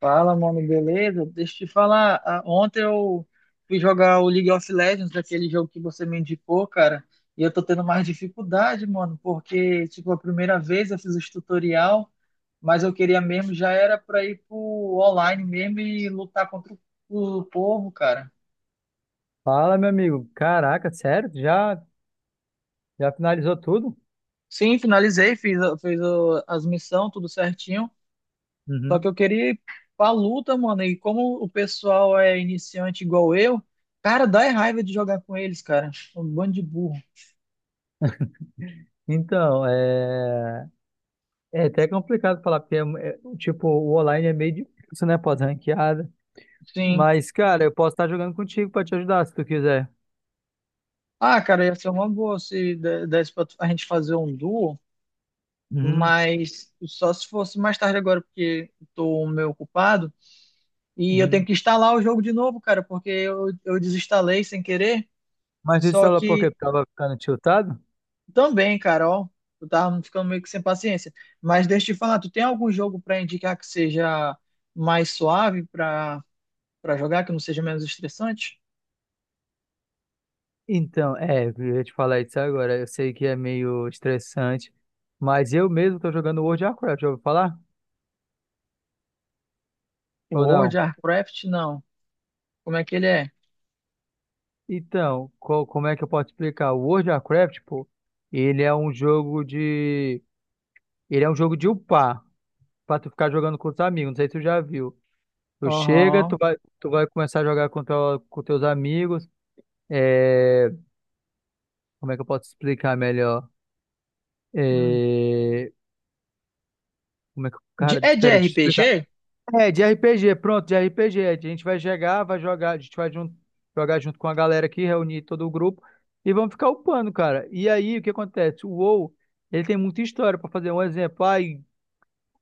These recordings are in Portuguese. Fala, mano, beleza? Deixa eu te falar. Ah, ontem eu fui jogar o League of Legends, aquele jogo que você me indicou, cara, e eu tô tendo mais dificuldade, mano, porque, tipo, a primeira vez eu fiz os tutorial, mas eu queria mesmo, já era pra ir pro online mesmo e lutar contra o povo, cara. Fala, meu amigo. Caraca, sério? Já, já finalizou tudo? Sim, finalizei, fiz as missões, tudo certinho. Só que Uhum. eu queria ir pra luta, mano. E como o pessoal é iniciante igual eu, cara, dá é raiva de jogar com eles, cara. Um bando de burro. Então, é... É até complicado falar, porque, tipo, o online é meio difícil, né? Pode ranqueada. Sim. Mas, cara, eu posso estar jogando contigo pra te ajudar, se tu quiser. Ah, cara, ia ser uma boa se desse pra a gente fazer um duo, Uhum. mas só se fosse mais tarde agora, porque eu tô um meio ocupado. E eu tenho Uhum. que instalar o jogo de novo, cara, porque eu desinstalei sem querer. Mas isso Só ela porque eu que tava ficando tiltado? Também, Carol. Eu tava ficando meio que sem paciência. Mas deixa eu te falar, tu tem algum jogo para indicar que seja mais suave para jogar, que não seja menos estressante? Então, é, eu ia te falar isso agora. Eu sei que é meio estressante, mas eu mesmo tô jogando World of Warcraft, já ouviu falar? Ou World, não? Warcraft, não. Como é que ele é? Então, como é que eu posso explicar? O World of Warcraft, pô, ele é um jogo de. Ele é um jogo de upar, pra tu ficar jogando com os amigos. Não sei se tu já viu. Aham. Tu vai começar a jogar com teus amigos. É, Como é que eu posso explicar melhor? Hum. É, Como é que. Cara, É de peraí, deixa eu explicar. RPG? É, de RPG, pronto, de RPG. A gente vai chegar, vai jogar, a gente vai jogar junto com a galera aqui, reunir todo o grupo e vamos ficar upando, cara. E aí, o que acontece? O WoW, ele tem muita história pra fazer. Um exemplo, ai,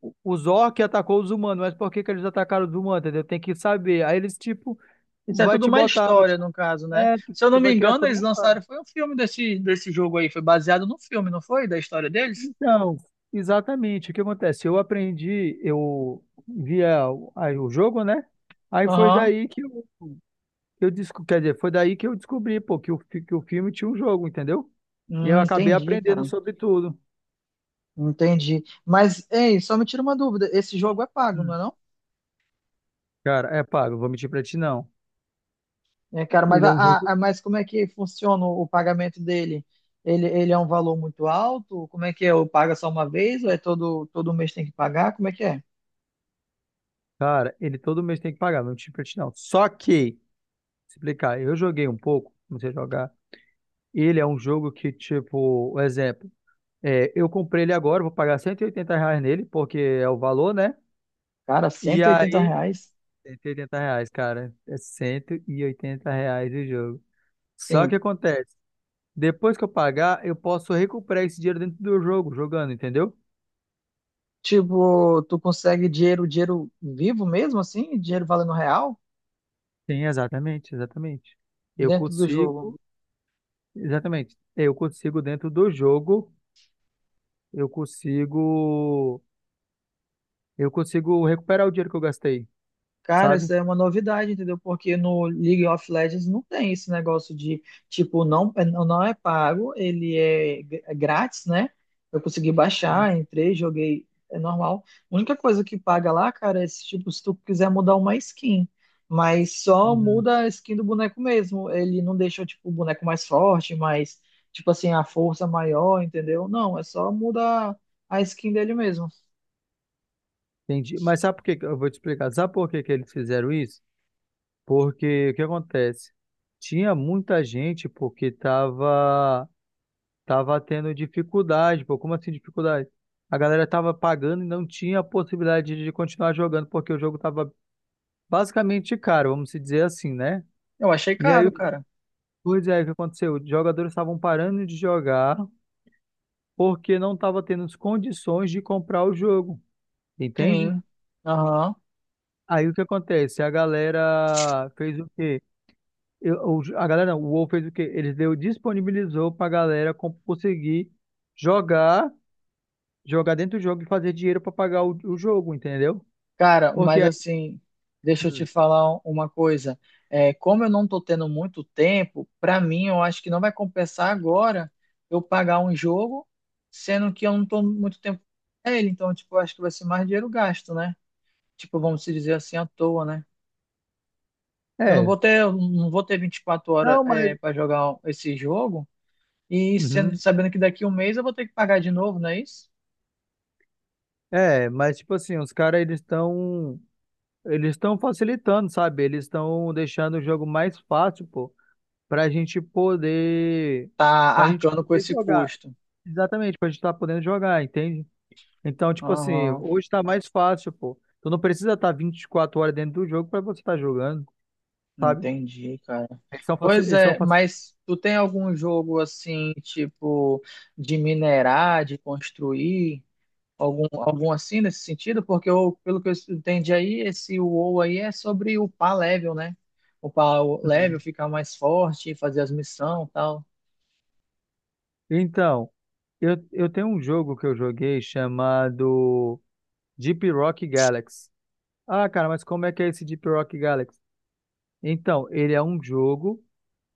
os orcs atacou os humanos, mas por que que eles atacaram os humanos, entendeu? Tem que saber. Aí eles, tipo, Isso é vai tudo te uma botar, vai te... história, no caso, né? É, Se eu você não me vai criar engano, toda eles uma história. lançaram, foi um filme desse, desse jogo aí, foi baseado no filme, não foi? Da história deles? Então, exatamente, o que acontece? Eu aprendi, eu via o aí o jogo, né? Aí foi Aham. daí que eu desco... Quer dizer, foi daí que eu descobri, pô, que o filme tinha um jogo, entendeu? E eu acabei Entendi, aprendendo cara. sobre tudo. Entendi. Mas, ei, só me tira uma dúvida. Esse jogo é pago, não é Hum. não? Cara, é pago, vou mentir pra ti não. É, cara, mas, Ele é um jogo. Mas como é que funciona o pagamento dele? Ele é um valor muito alto? Como é que é? Eu paga só uma vez ou é todo mês tem que pagar? Como é que é? Cara, ele todo mês tem que pagar, não vou mentir pra ti não. Eu joguei um pouco, comecei a jogar. Ele é um jogo que, tipo, um exemplo, eu comprei ele agora, vou pagar 180 reais nele, porque é o valor, né? Cara, E cento e oitenta aí, reais? 180 reais, cara, é 180 reais o jogo. Só Sim. que acontece. Depois que eu pagar, eu posso recuperar esse dinheiro dentro do jogo, jogando, entendeu? Tipo, tu consegue dinheiro, dinheiro vivo mesmo, assim? Dinheiro valendo real Sim, exatamente, exatamente. Eu dentro do jogo? consigo, exatamente. Eu consigo dentro do jogo, eu consigo, eu consigo recuperar o dinheiro que eu gastei, Cara, sabe? isso é uma novidade, entendeu? Porque no League of Legends não tem esse negócio de, tipo, não, é, não é pago, ele é grátis, né? Eu consegui Uhum, baixar, entrei, joguei, é normal. A única coisa que paga lá, cara, é se, tipo, se tu quiser mudar uma skin. Mas só uhum. muda a skin do boneco mesmo. Ele não deixa, tipo, o boneco mais forte, mais, tipo assim, a força maior, entendeu? Não, é só mudar a skin dele mesmo. Entendi. Eu vou te explicar. Sabe por que que eles fizeram isso? Porque o que acontece? Tinha muita gente porque estava Tava tendo dificuldade, pô. Como assim dificuldade? A galera tava pagando e não tinha a possibilidade de continuar jogando, porque o jogo tava basicamente caro, vamos se dizer assim, né? Eu achei E aí, caro, o que cara. pois é, o que aconteceu? Os jogadores estavam parando de jogar porque não tava tendo as condições de comprar o jogo, entende? Sim. Aham. Aí o que acontece? A galera fez o quê? Eu- o- a galera, não, o WoW fez o quê? Eles deu, disponibilizou pra galera conseguir jogar jogar dentro do jogo e fazer dinheiro pra pagar o jogo, entendeu? Cara, Porque mas aí, assim, deixa eu te Hum. falar uma coisa. É, como eu não estou tendo muito tempo, para mim eu acho que não vai compensar agora eu pagar um jogo, sendo que eu não estou muito tempo com ele. Então, tipo, eu acho que vai ser mais dinheiro gasto, né? Tipo, vamos se dizer assim, à toa, né? Eu não É, vou ter, eu não vou ter 24 horas, não, mas é, para jogar esse jogo e sendo, uhum. sabendo que daqui a um mês eu vou ter que pagar de novo, não é isso? é, mas tipo assim, os caras eles estão facilitando, sabe? Eles estão deixando o jogo mais fácil, pô, pra gente poder Tá pra gente arcando com poder esse jogar. custo. Exatamente, pra gente estar podendo jogar, entende? Então, tipo assim, Aham. hoje tá mais fácil, pô. Tu não precisa estar 24 horas dentro do jogo pra você estar jogando, sabe? Entendi, cara. Eles estão facil... Pois eles estão é, mas tu tem algum jogo assim, tipo, de minerar, de construir, algum, algum assim nesse sentido? Porque eu, pelo que eu entendi aí, esse WoW aí é sobre upar level, né? Upar o level, facil... ficar mais forte, fazer as missões e tal. Então, eu tenho um jogo que eu joguei chamado Deep Rock Galaxy. Ah, cara, mas como é que é esse Deep Rock Galaxy? Então, ele é um jogo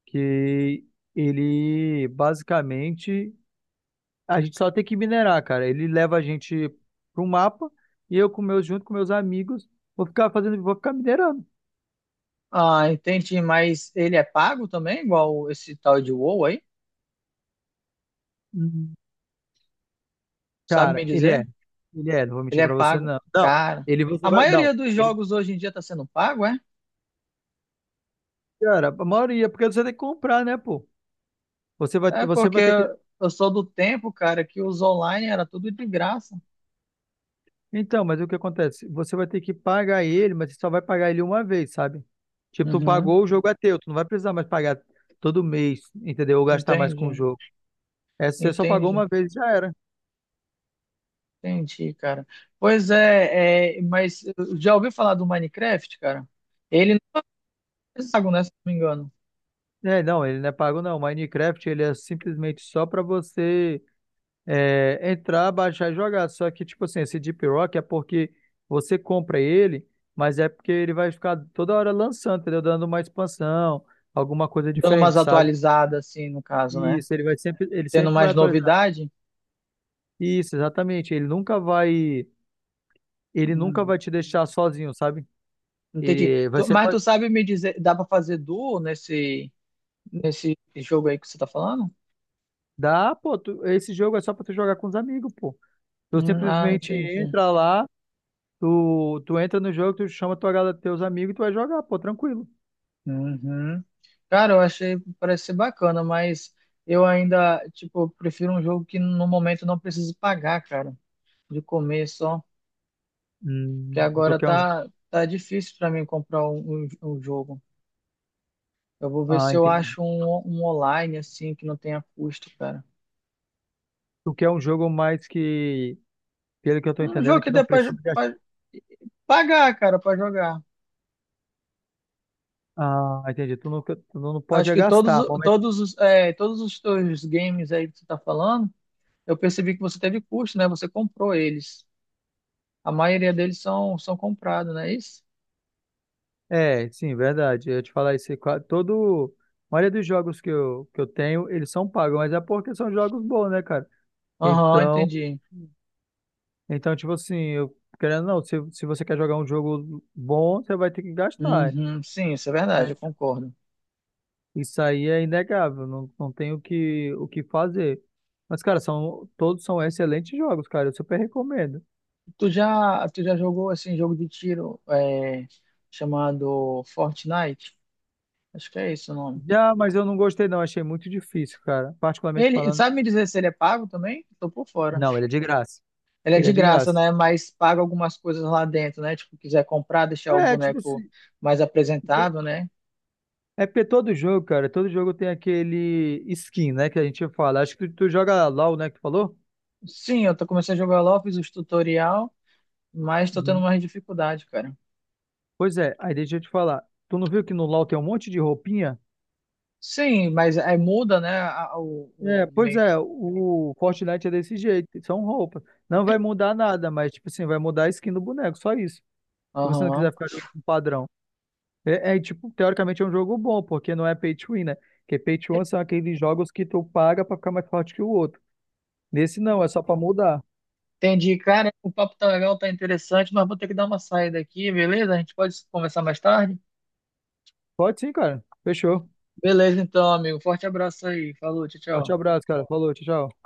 que ele basicamente a gente só tem que minerar, cara. Ele leva a gente pro mapa e eu com meus junto com meus amigos vou ficar minerando. Ah, entendi, mas ele é pago também, igual esse tal de WoW aí? Uhum. Sabe Cara, me ele é, dizer? ele é, não vou Ele mentir é pra você pago, não. Não, cara. ele você A vai, não, maioria dos ele, jogos hoje em dia tá sendo pago, é? cara, a maioria porque você tem que comprar, né, pô? É Você porque vai ter que. eu sou do tempo, cara, que os online era tudo de graça. Então, mas o que acontece? Você vai ter que pagar ele, mas você só vai pagar ele uma vez, sabe? Tipo, tu Uhum. pagou, o jogo é teu. Tu não vai precisar mais pagar todo mês, entendeu? Ou gastar mais com o entende, jogo. É, você só pagou Entendi, uma vez e já era. entendi, cara. Pois é, é, mas já ouviu falar do Minecraft, cara? Ele não é pago, né, se não me engano. É, não, ele não é pago, não. Minecraft, ele é simplesmente só pra você entrar, baixar e jogar. Só que, tipo assim, esse Deep Rock é porque você compra ele, mas é porque ele vai ficar toda hora lançando, entendeu? Dando uma expansão, alguma coisa Dando umas diferente, sabe? atualizadas, assim, no caso, né? Isso, ele Tendo sempre vai mais atualizar. novidade. Isso, exatamente. Ele nunca Hum, vai te deixar sozinho, sabe? entendi. Tu- Você Mas tu pode sabe me dizer, dá pra fazer duo nesse, nesse jogo aí que você tá falando? dar, pô, esse jogo é só pra tu jogar com os amigos, pô. Tu Ah, simplesmente entendi. entra lá, tu entra no jogo, tu chama tua galera, teus amigos e tu vai jogar, pô, tranquilo. Uhum. Cara, eu achei, parece ser bacana, mas eu ainda, tipo, prefiro um jogo que no momento não precise pagar, cara, de comer só, que Tu agora quer um jogo? tá, tá difícil pra mim comprar um jogo. Eu vou ver Ah, se eu entendi. acho um online, assim, que não tenha custo, cara. Tu quer um jogo mais que, pelo que eu tô Um jogo entendendo, que que não dê pra, jo- precisa gastar. pra pagar, cara, pra jogar. Ah, entendi. Tu não pode Acho é que todos, gastar. Todos os, é, todos os teus games aí que você tá falando, eu percebi que você teve custo, né? Você comprou eles. A maioria deles são comprados, não é isso? É, sim, verdade. Eu ia te falar isso. A maioria dos jogos que eu tenho, eles são pagos, mas é porque são jogos bons, né, cara? Aham, Então, entendi. então tipo assim, eu querendo ou não, se você quer jogar um jogo bom, você vai ter que gastar. Uhum, sim, isso é verdade, Né? eu concordo. Isso aí é inegável, não tem o que fazer. Mas, cara, todos são excelentes jogos, cara. Eu super recomendo. Tu já jogou assim jogo de tiro é, chamado Fortnite? Acho que é esse o nome. Já, mas eu não gostei, não. Achei muito difícil, cara. Particularmente Ele, falando. sabe me dizer se ele é pago também? Tô por fora. Não, ele é de graça. Ele é Ele de é de graça, graça. né? Mas paga algumas coisas lá dentro, né? Tipo, quiser comprar, deixar o É, tipo boneco assim. mais apresentável, né? É porque todo jogo, cara, todo jogo tem aquele skin, né, que a gente fala. Acho que tu joga LoL, né, que tu falou? Sim, eu tô, começando a jogar LoL, fiz os tutorial, mas tô tendo Uhum. mais dificuldade, cara. Pois é, aí deixa eu te falar. Tu não viu que no LoL tem um monte de roupinha? Sim, mas aí muda, né, a- o, É, o pois é, make. o Fortnite é desse jeito, são roupas. Não vai mudar nada, mas, tipo assim, vai mudar a skin do boneco, só isso. Se você não Aham. quiser ficar jogando com padrão. Tipo, teoricamente é um jogo bom, porque não é pay to win, né? Porque pay to win são aqueles jogos que tu paga pra ficar mais forte que o outro. Nesse não, é só pra mudar. Entendi. Cara, o papo tá legal, tá interessante, mas vou ter que dar uma saída aqui, beleza? A gente pode conversar mais tarde? Pode sim, cara. Fechou. Beleza, então, amigo. Forte abraço aí. Falou, tchau, Forte tchau. abraço, cara. Falou, tchau, tchau.